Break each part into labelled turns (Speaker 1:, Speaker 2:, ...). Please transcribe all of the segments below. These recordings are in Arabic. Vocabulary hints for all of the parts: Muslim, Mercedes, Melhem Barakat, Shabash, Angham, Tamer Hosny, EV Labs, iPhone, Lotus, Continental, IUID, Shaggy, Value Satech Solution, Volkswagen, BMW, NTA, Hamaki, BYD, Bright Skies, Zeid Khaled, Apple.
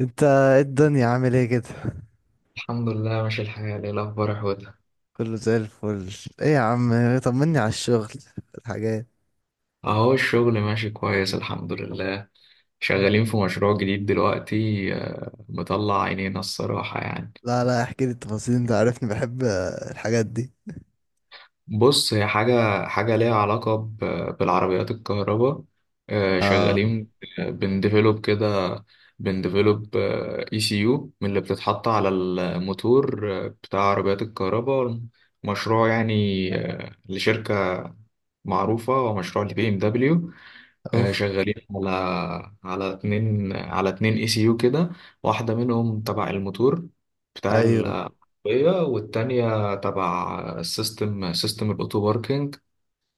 Speaker 1: انت ايه الدنيا عامل ايه كده؟
Speaker 2: الحمد لله، ماشي الحال. ايه الاخبار يا حوده؟
Speaker 1: كله زي الفل. ايه يا عم، طمني على الشغل، الحاجات.
Speaker 2: اهو الشغل ماشي كويس الحمد لله. شغالين في مشروع جديد دلوقتي، مطلع عينينا الصراحة يعني.
Speaker 1: لا، لا، احكي لي التفاصيل، انت عارفني بحب الحاجات دي.
Speaker 2: بص، هي حاجة ليها علاقة بالعربيات الكهرباء.
Speaker 1: اه.
Speaker 2: شغالين. بنديفلوب كده. بنديفلوب اي سي يو من اللي بتتحط على الموتور، بتاع عربيات الكهرباء. مشروع يعني لشركة معروفة، ومشروع لبي ام دبليو.
Speaker 1: اوف.
Speaker 2: شغالين على اتنين اي سي يو كده. واحدة منهم تبع الموتور بتاع
Speaker 1: ايوه.
Speaker 2: العربية، والتانية تبع السيستم، سيستم الأوتو باركينج.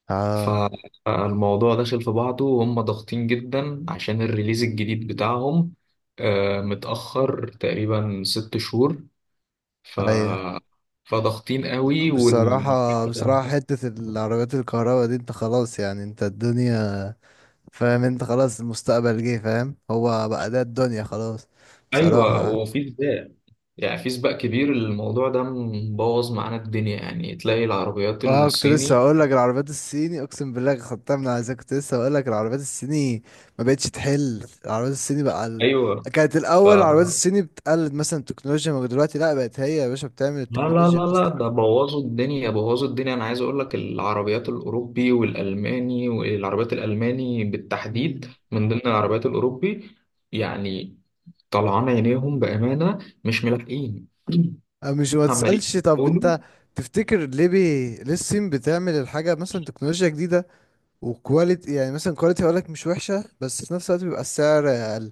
Speaker 1: اه.
Speaker 2: فالموضوع داخل في بعضه، وهم ضاغطين جدا عشان الريليز الجديد بتاعهم، متأخر تقريبا 6 شهور. ف
Speaker 1: ايوه.
Speaker 2: فضاغطين قوي
Speaker 1: بصراحة، بصراحة حتة العربيات الكهرباء دي، انت خلاص يعني، انت الدنيا فاهم، انت خلاص المستقبل جه، فاهم؟ هو بقى ده الدنيا خلاص
Speaker 2: ايوه،
Speaker 1: بصراحة.
Speaker 2: وفي زبالة يعني. في سباق كبير الموضوع ده، مبوظ معانا الدنيا، يعني تلاقي العربيات
Speaker 1: اه، كنت لسه
Speaker 2: الصيني،
Speaker 1: هقول لك العربيات الصيني، اقسم بالله خدتها من عايزك، كنت لسه هقول لك العربيات الصيني ما بقتش تحل. العربيات الصيني بقى
Speaker 2: ايوه.
Speaker 1: كانت
Speaker 2: ف
Speaker 1: الاول العربيات الصيني بتقلد مثلا التكنولوجيا، ما دلوقتي لا، بقت هي يا باشا بتعمل
Speaker 2: لا لا
Speaker 1: التكنولوجيا
Speaker 2: لا لا،
Speaker 1: اصلا.
Speaker 2: ده بوظوا الدنيا بوظوا الدنيا. انا عايز اقول لك العربيات الاوروبي والالماني، والعربيات الالماني بالتحديد
Speaker 1: مم.
Speaker 2: من ضمن العربيات الاوروبي يعني. طلعان عينيهم بامانه، مش ملاحقين.
Speaker 1: أه، مش ما
Speaker 2: عمالين
Speaker 1: تسالش. طب
Speaker 2: يحاولوا.
Speaker 1: انت تفتكر ليه، ليه الصين بتعمل الحاجه مثلا تكنولوجيا جديده وكواليتي، يعني مثلا كواليتي هقول لك مش وحشه، بس في نفس الوقت بيبقى السعر اقل؟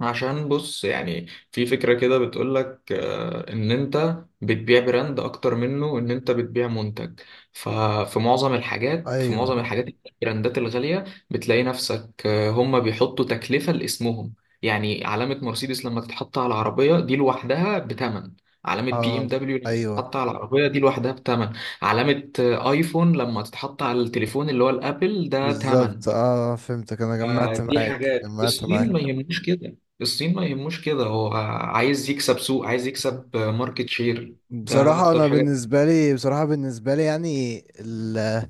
Speaker 2: عشان بص يعني، في فكرة كده بتقولك إن أنت بتبيع براند أكتر منه إن أنت بتبيع منتج. ففي معظم الحاجات، في
Speaker 1: ايوه.
Speaker 2: معظم الحاجات البراندات الغالية بتلاقي نفسك هما بيحطوا تكلفة لاسمهم. يعني علامة مرسيدس لما تتحط على العربية دي لوحدها بتمن. علامة بي ام
Speaker 1: اه.
Speaker 2: دبليو لما
Speaker 1: ايوه
Speaker 2: تتحط على العربية دي لوحدها بتمن. علامة ايفون لما تتحط على التليفون اللي هو الابل ده تمن.
Speaker 1: بالظبط، اه فهمتك، انا
Speaker 2: ما
Speaker 1: جمعت
Speaker 2: دي
Speaker 1: معاك،
Speaker 2: حاجات
Speaker 1: جمعت
Speaker 2: الصين ما
Speaker 1: معاك.
Speaker 2: يهموش كده، الصين ما يهموش كده. هو عايز يكسب سوق، عايز يكسب ماركت شير. ده
Speaker 1: بصراحة
Speaker 2: اكتر
Speaker 1: انا
Speaker 2: حاجة.
Speaker 1: بالنسبة لي، بصراحة بالنسبة لي يعني،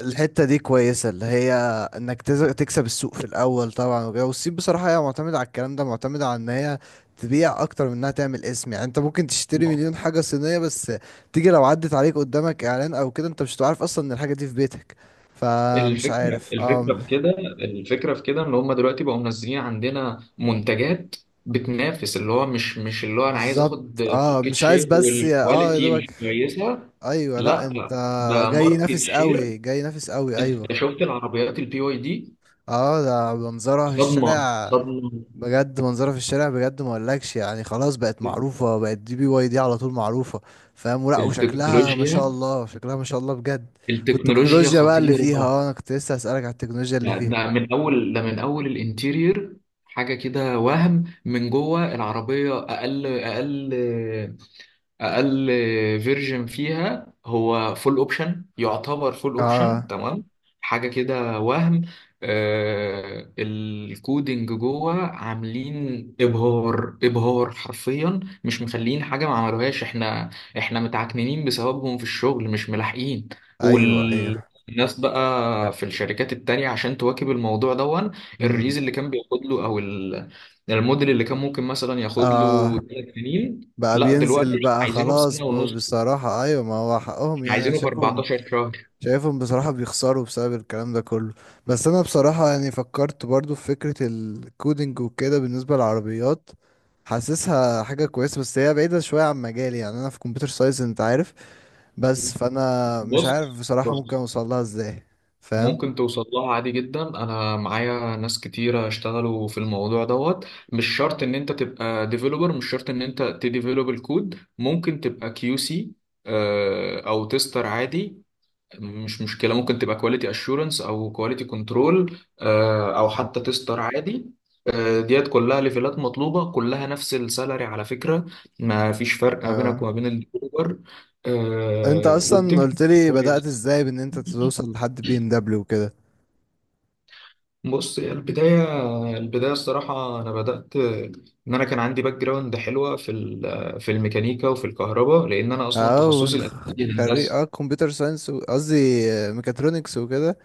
Speaker 1: الحتة دي كويسة، اللي هي انك تكسب السوق في الاول طبعا وكده. والصين بصراحة هي معتمدة على الكلام ده، معتمدة على ان هي تبيع اكتر من انها تعمل اسم. يعني انت ممكن تشتري مليون حاجة صينية، بس تيجي لو عدت عليك قدامك اعلان او كده انت مش هتعرف اصلا ان الحاجة دي في بيتك. فمش
Speaker 2: الفكرة
Speaker 1: عارف، اه.
Speaker 2: الفكرة في كده، ان هم دلوقتي بقوا منزلين عندنا منتجات بتنافس. اللي هو مش اللي هو انا عايز
Speaker 1: بالظبط.
Speaker 2: اخد
Speaker 1: اه،
Speaker 2: ماركت
Speaker 1: مش عايز
Speaker 2: شير
Speaker 1: بس، اه يا
Speaker 2: والكواليتي مش
Speaker 1: دوبك.
Speaker 2: كويسة،
Speaker 1: ايوه. لا،
Speaker 2: لا
Speaker 1: انت
Speaker 2: لا، ده
Speaker 1: جاي
Speaker 2: ماركت
Speaker 1: نافس
Speaker 2: شير.
Speaker 1: قوي، جاي نافس قوي،
Speaker 2: انت
Speaker 1: ايوه.
Speaker 2: شفت العربيات البي واي دي؟
Speaker 1: اه، ده منظرها في
Speaker 2: صدمة
Speaker 1: الشارع.
Speaker 2: صدمة.
Speaker 1: بجد منظرها في الشارع بجد، ما اقولكش يعني، خلاص بقت معروفة، بقت دي BYD على طول معروفة، فاهم ولا؟ وشكلها ما شاء
Speaker 2: التكنولوجيا،
Speaker 1: الله، شكلها ما شاء الله بجد.
Speaker 2: التكنولوجيا
Speaker 1: والتكنولوجيا بقى اللي
Speaker 2: خطيرة.
Speaker 1: فيها، اه انا كنت لسه هسألك على التكنولوجيا اللي
Speaker 2: يعني
Speaker 1: فيها.
Speaker 2: ده من أول الانتيرير حاجة كده، وهم من جوه العربية أقل أقل اقل فيرجن فيها، هو فول اوبشن يعتبر فول اوبشن
Speaker 1: اه.
Speaker 2: تمام. حاجه كده وهم آه الكودينج جوه، عاملين ابهار ابهار حرفيا، مش مخلين حاجه ما عملوهاش. احنا متعكنين بسببهم في الشغل، مش ملاحقين.
Speaker 1: ايوه. ايوه.
Speaker 2: والناس بقى في الشركات التانية عشان تواكب الموضوع دون.
Speaker 1: امم.
Speaker 2: الريز اللي كان بياخد له، الموديل اللي كان ممكن مثلا ياخد
Speaker 1: اه
Speaker 2: له 3 سنين،
Speaker 1: بقى
Speaker 2: لا دلوقتي
Speaker 1: بينزل بقى
Speaker 2: عايزينه في
Speaker 1: خلاص،
Speaker 2: سنة ونص.
Speaker 1: بصراحة ايوه، ما هو حقهم
Speaker 2: احنا
Speaker 1: يعني، انا
Speaker 2: عايزينه في
Speaker 1: شايفهم،
Speaker 2: 14 شهر.
Speaker 1: بصراحة بيخسروا بسبب الكلام ده كله. بس أنا بصراحة يعني فكرت برضو في فكرة الكودينج وكده بالنسبة للعربيات، حاسسها حاجة كويسة، بس هي بعيدة شوية عن مجالي. يعني أنا في كمبيوتر ساينس أنت عارف، بس فأنا مش
Speaker 2: بص
Speaker 1: عارف بصراحة ممكن
Speaker 2: بص،
Speaker 1: أوصلها إزاي. فاهم؟
Speaker 2: ممكن توصل لها عادي جدا. انا معايا ناس كتيرة اشتغلوا في الموضوع دوت. مش شرط ان انت تبقى ديفلوبر، مش شرط ان انت تديفلوب الكود، ممكن تبقى كيو سي او تستر عادي. مش مشكلة، ممكن تبقى كواليتي اشورنس او كواليتي كنترول، او حتى تستر عادي. ديت كلها ليفلات مطلوبة، كلها نفس السالري على فكرة. ما فيش فرق ما بينك
Speaker 1: أه،
Speaker 2: وما بين الاوبر،
Speaker 1: أنت أصلا
Speaker 2: وبتمشي
Speaker 1: قلت لي بدأت
Speaker 2: كويس.
Speaker 1: إزاي بإن أنت توصل لحد BMW وكده.
Speaker 2: بص، هي البداية، البداية الصراحة أنا بدأت إن أنا كان عندي باك جراوند حلوة في في الميكانيكا وفي الكهرباء، لأن أنا أصلا
Speaker 1: أه،
Speaker 2: تخصصي الأساسي
Speaker 1: خريج أه
Speaker 2: هندسة.
Speaker 1: كمبيوتر ساينس، قصدي ميكاترونكس وكده.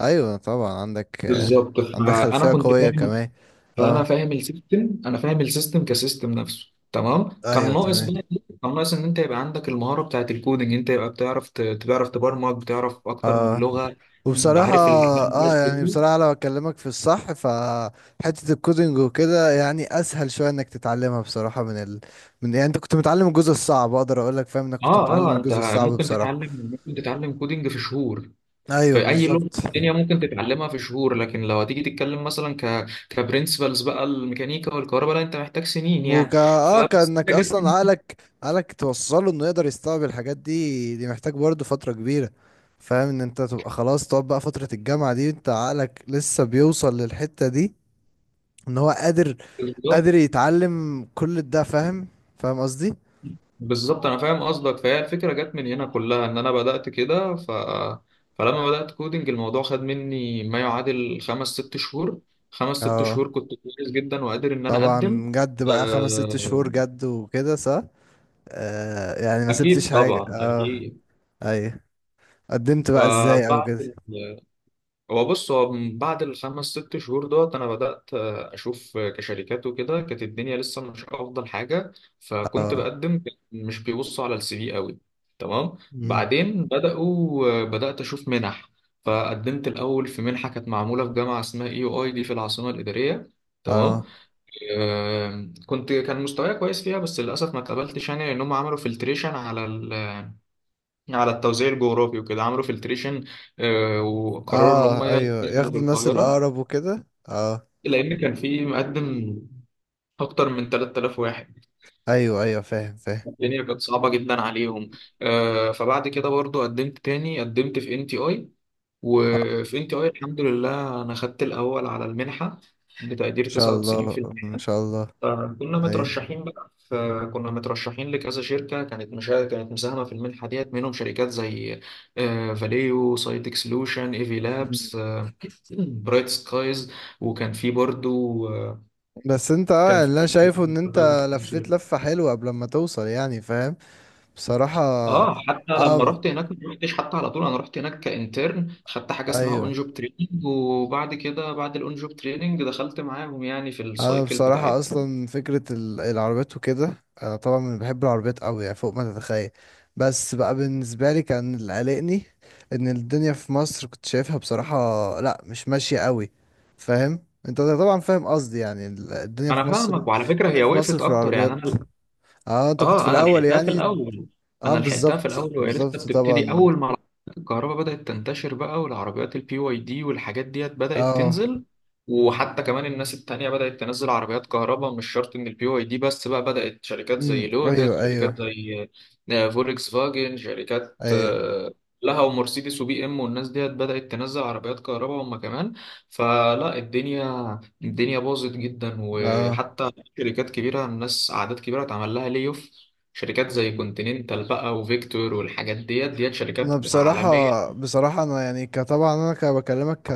Speaker 1: ايوه طبعا عندك
Speaker 2: بالظبط،
Speaker 1: عندك
Speaker 2: فأنا
Speaker 1: خلفية
Speaker 2: كنت
Speaker 1: قوية
Speaker 2: فاهم.
Speaker 1: كمان.
Speaker 2: فانا
Speaker 1: اه،
Speaker 2: فاهم السيستم، انا فاهم السيستم كسيستم نفسه تمام. كان
Speaker 1: ايوه
Speaker 2: ناقص
Speaker 1: تمام.
Speaker 2: بقى إيه؟ كان ناقص ان انت يبقى عندك المهاره بتاعت الكودينج، انت يبقى بتعرف بتعرف تبرمج، بتعرف اكتر من
Speaker 1: اه،
Speaker 2: لغه.
Speaker 1: وبصراحة
Speaker 2: عارف
Speaker 1: اه يعني بصراحة لو اكلمك في الصح، فحتة الكودينج وكده يعني اسهل شوية انك تتعلمها بصراحة من يعني انت كنت متعلم الجزء الصعب، اقدر اقول لك، فاهم؟ انك كنت
Speaker 2: اه
Speaker 1: متعلم
Speaker 2: اه انت
Speaker 1: الجزء الصعب
Speaker 2: ممكن
Speaker 1: بصراحة.
Speaker 2: تتعلم، ممكن تتعلم كودينج في شهور.
Speaker 1: ايوه
Speaker 2: في اي لغه
Speaker 1: بالظبط.
Speaker 2: في الدنيا ممكن تتعلمها في شهور. لكن لو هتيجي تتكلم مثلا كبرنسبلز بقى الميكانيكا والكهرباء، لا انت محتاج سنين يعني.
Speaker 1: وكا اه
Speaker 2: فبس انت
Speaker 1: كانك
Speaker 2: جبت من
Speaker 1: اصلا
Speaker 2: هنا.
Speaker 1: عقلك، توصله انه يقدر يستوعب الحاجات دي، دي محتاج برضه فترة كبيرة. فاهم؟ ان انت تبقى خلاص تقعد بقى فترة الجامعة دي، انت عقلك لسه بيوصل للحتة دي، ان هو قادر،
Speaker 2: بالظبط.
Speaker 1: يتعلم كل ده. فاهم؟ فاهم قصدي؟
Speaker 2: بالظبط، انا فاهم قصدك. فهي الفكره جت من هنا كلها، ان انا بدات كده فلما بدات كودنج الموضوع خد مني ما يعادل خمس ست شهور. خمس ست
Speaker 1: اه
Speaker 2: شهور كنت كويس جدا وقادر ان انا اقدم.
Speaker 1: طبعا، جد بقى خمس ست
Speaker 2: آه،
Speaker 1: شهور، جد وكده صح. آه يعني ما سبتش
Speaker 2: اكيد
Speaker 1: حاجة،
Speaker 2: طبعا
Speaker 1: اه.
Speaker 2: اكيد.
Speaker 1: ايوه. قدمت بقى ازاي او
Speaker 2: فبعد
Speaker 1: كده؟
Speaker 2: هو بص، هو من بعد الخمس ست شهور دوت انا بدات اشوف كشركات وكده. كانت الدنيا لسه مش افضل حاجه، فكنت
Speaker 1: اه.
Speaker 2: بقدم. مش بيبصوا على السي في قوي، تمام.
Speaker 1: مم.
Speaker 2: بعدين بداوا، بدات اشوف منح. فقدمت الاول في منحه كانت معموله في جامعه اسمها اي يو اي دي في العاصمه الاداريه، تمام.
Speaker 1: اه.
Speaker 2: كنت كان مستواي كويس فيها، بس للاسف ما اتقبلتش يعني. لان هم عملوا فلتريشن على على التوزيع الجغرافي وكده، عملوا فلتريشن، وقرروا ان هم
Speaker 1: اه. ايوه،
Speaker 2: يدخلوا في
Speaker 1: ياخدوا الناس
Speaker 2: القاهره،
Speaker 1: الاقرب وكده اه.
Speaker 2: لان كان في مقدم اكتر من 3000 واحد.
Speaker 1: ايوه ايوه، فاهم فاهم.
Speaker 2: الدنيا كانت صعبه جدا عليهم. فبعد كده برضو قدمت تاني، قدمت في ان تي اي.
Speaker 1: اه.
Speaker 2: وفي ان تي اي الحمد لله انا خدت الاول على المنحه بتقدير
Speaker 1: ان شاء الله، ان
Speaker 2: 99%.
Speaker 1: شاء الله. ايوه.
Speaker 2: فكنا مترشحين لكذا شركة كانت كانت مساهمة في المنحة ديت، منهم شركات زي فاليو سايتك سولوشن، ايفي
Speaker 1: مم.
Speaker 2: لابس، برايت سكايز. وكان في برضو
Speaker 1: بس انت، اه
Speaker 2: كان
Speaker 1: يعني، اللي انا
Speaker 2: في
Speaker 1: شايفه ان انت لفيت لفة حلوة قبل ما توصل، يعني فاهم؟ بصراحة.
Speaker 2: اه. حتى لما
Speaker 1: اه،
Speaker 2: رحت هناك ما رحتش حتى على طول. انا رحت هناك كانترن، خدت حاجه اسمها اون
Speaker 1: ايوه.
Speaker 2: جوب تريننج، وبعد كده بعد الاون جوب تريننج دخلت معاهم يعني في
Speaker 1: انا
Speaker 2: السايكل
Speaker 1: بصراحه
Speaker 2: بتاعتهم.
Speaker 1: اصلا فكره العربيات وكده، انا طبعا من بحب العربيات قوي، يعني فوق ما تتخيل. بس بقى بالنسبه لي كان اللي قلقني ان الدنيا في مصر كنت شايفها بصراحه لا، مش ماشيه قوي. فاهم؟ انت طبعا فاهم قصدي يعني، الدنيا
Speaker 2: انا
Speaker 1: في مصر،
Speaker 2: فاهمك، وعلى فكره
Speaker 1: الدنيا
Speaker 2: هي
Speaker 1: في مصر
Speaker 2: وقفت
Speaker 1: في
Speaker 2: اكتر يعني
Speaker 1: العربيات.
Speaker 2: انا.
Speaker 1: اه انت كنت في
Speaker 2: اه، انا
Speaker 1: الاول
Speaker 2: لحقتها في
Speaker 1: يعني.
Speaker 2: الاول،
Speaker 1: اه
Speaker 2: انا لحقتها في
Speaker 1: بالظبط.
Speaker 2: الاول وهي لسه
Speaker 1: بالظبط
Speaker 2: بتبتدي.
Speaker 1: طبعا.
Speaker 2: اول ما الكهرباء بدات تنتشر بقى، والعربيات البي واي دي والحاجات ديت بدات
Speaker 1: اه.
Speaker 2: تنزل. وحتى كمان الناس التانية بدأت تنزل عربيات كهرباء، مش شرط إن البي واي دي بس، بقى بدأت شركات
Speaker 1: امم.
Speaker 2: زي
Speaker 1: ايوه.
Speaker 2: لوتس،
Speaker 1: ايوه.
Speaker 2: شركات زي فولكس فاجن، شركات
Speaker 1: ايوه.
Speaker 2: لها، ومرسيدس وبي ام، والناس ديت بدأت تنزل عربيات كهرباء هم كمان. فلا، الدنيا باظت جدا.
Speaker 1: اه.
Speaker 2: وحتى شركات كبيرة، الناس أعداد كبيرة اتعمل لها لي اوف، شركات زي
Speaker 1: مم.
Speaker 2: كونتيننتال بقى، وفيكتور والحاجات ديت شركات
Speaker 1: انا بصراحه،
Speaker 2: عالمية.
Speaker 1: بصراحه انا يعني كطبعا انا كبكلمك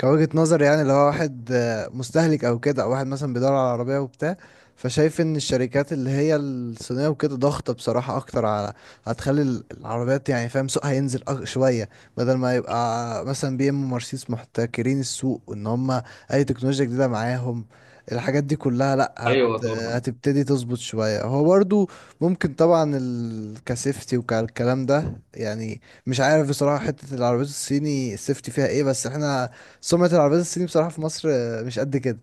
Speaker 1: كوجهة نظر، يعني لو واحد مستهلك او كده، او واحد مثلا بيدور على عربية وبتاع، فشايف ان الشركات اللي هي الصينية وكده ضغطة بصراحة اكتر، على هتخلي العربيات يعني، فاهم؟ سوقها ينزل شوية، بدل ما يبقى مثلا بي ام ومرسيدس محتكرين السوق، ان هم اي تكنولوجيا جديدة معاهم الحاجات دي كلها. لا،
Speaker 2: أيوة طبعا.
Speaker 1: هتبتدي تظبط شوية. هو برضو ممكن طبعا كسيفتي وكالكلام ده، يعني مش عارف بصراحة حتة العربيات الصيني السيفتي فيها ايه، بس احنا سمعة العربيات الصيني بصراحة في مصر مش قد كده،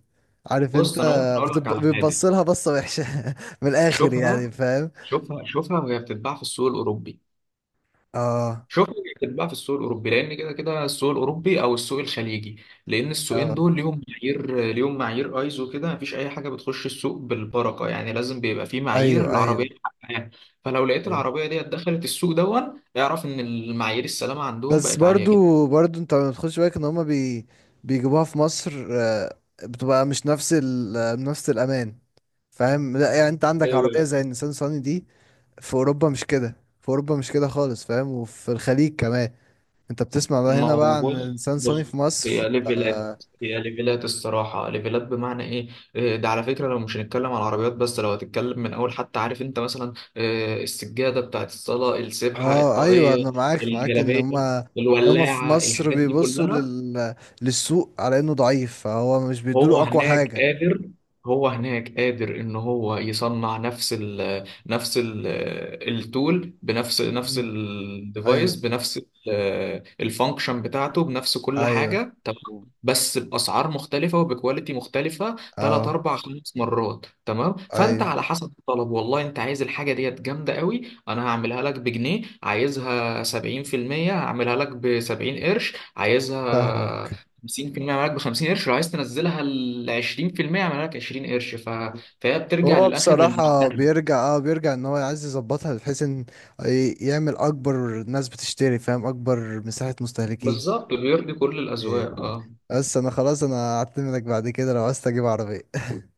Speaker 1: عارف انت؟
Speaker 2: بص، أنا ممكن أقول لك على حاجة.
Speaker 1: بتبص لها بصة وحشة من الآخر يعني،
Speaker 2: شوفها،
Speaker 1: فاهم؟
Speaker 2: شوفها شوفها وهي بتتباع في السوق الأوروبي.
Speaker 1: اه.
Speaker 2: شوف يكتب بقى في السوق الاوروبي، لان كده كده السوق الاوروبي او السوق الخليجي، لان السوقين
Speaker 1: اه.
Speaker 2: دول ليهم معايير، ليهم معايير ايزو كده. مفيش اي حاجه بتخش السوق بالبركه يعني، لازم بيبقى في معايير
Speaker 1: ايوه.
Speaker 2: العربيه
Speaker 1: ايوه.
Speaker 2: حقها. فلو لقيت
Speaker 1: ايوه.
Speaker 2: العربيه ديت دخلت السوق دون، اعرف ان المعايير السلامه عندهم
Speaker 1: بس
Speaker 2: بقت عاليه
Speaker 1: برضو، برضو انت ما تخش بالك ان هما، بيجيبوها في مصر بتبقى مش نفس ال... آه، نفس الأمان. فاهم؟ لا يعني، انت عندك عربية
Speaker 2: جدا.
Speaker 1: زي النيسان صاني دي، في أوروبا مش كده، في أوروبا مش كده خالص، فاهم؟ وفي الخليج كمان. انت بتسمع بقى
Speaker 2: ما
Speaker 1: هنا
Speaker 2: هو
Speaker 1: بقى عن
Speaker 2: بص
Speaker 1: النيسان صاني
Speaker 2: بص،
Speaker 1: في مصر
Speaker 2: هي
Speaker 1: آه.
Speaker 2: ليفلات هي ليفلات الصراحة، ليفلات بمعنى ايه؟ ده على فكرة لو مش هنتكلم على العربيات بس، لو هتتكلم من اول، حتى عارف انت مثلا السجادة بتاعت الصلاة، السبحة،
Speaker 1: اه، ايوه
Speaker 2: الطاقية،
Speaker 1: انا معاك، معاك ان
Speaker 2: الجلابية،
Speaker 1: هما، هما في
Speaker 2: الولاعة،
Speaker 1: مصر
Speaker 2: الحاجات دي
Speaker 1: بيبصوا
Speaker 2: كلها.
Speaker 1: للسوق على انه ضعيف، فهو مش بيدوله
Speaker 2: هو
Speaker 1: اقوى
Speaker 2: هناك
Speaker 1: حاجة.
Speaker 2: قادر هو هناك قادر ان هو يصنع نفس ال التول، بنفس
Speaker 1: مم.
Speaker 2: الديفايس،
Speaker 1: ايوه
Speaker 2: بنفس الفانكشن بتاعته، بنفس كل
Speaker 1: ايوه.
Speaker 2: حاجه تمام. بس باسعار مختلفه وبكواليتي مختلفه، ثلاث
Speaker 1: اه.
Speaker 2: اربع خمس مرات تمام. فانت
Speaker 1: ايوه
Speaker 2: على حسب الطلب، والله انت عايز الحاجه ديت جامده قوي، انا هعملها لك بجنيه. عايزها 70%، هعملها لك ب 70 قرش. عايزها
Speaker 1: فاهمك.
Speaker 2: 50%، معاك ب 50 قرش. لو عايز تنزلها ل 20%، معاك 20 قرش. فهي بترجع
Speaker 1: هو
Speaker 2: للاخر
Speaker 1: بصراحة
Speaker 2: للمشتري.
Speaker 1: بيرجع، ان هو عايز يظبطها بحيث ان يعمل اكبر ناس بتشتري، فاهم؟ اكبر مساحة مستهلكين.
Speaker 2: بالظبط بيرضي كل
Speaker 1: إيه.
Speaker 2: الاذواق اه.
Speaker 1: بس انا خلاص، انا هعتمدك بعد كده لو عايز تجيب عربية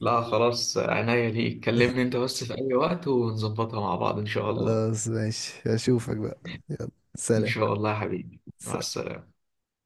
Speaker 2: لا خلاص، عناية ليك، كلمني انت بس في اي وقت ونظبطها مع بعض ان شاء الله.
Speaker 1: خلاص ماشي، اشوفك بقى.
Speaker 2: ان
Speaker 1: سلام.
Speaker 2: شاء الله يا حبيبي، مع السلامة.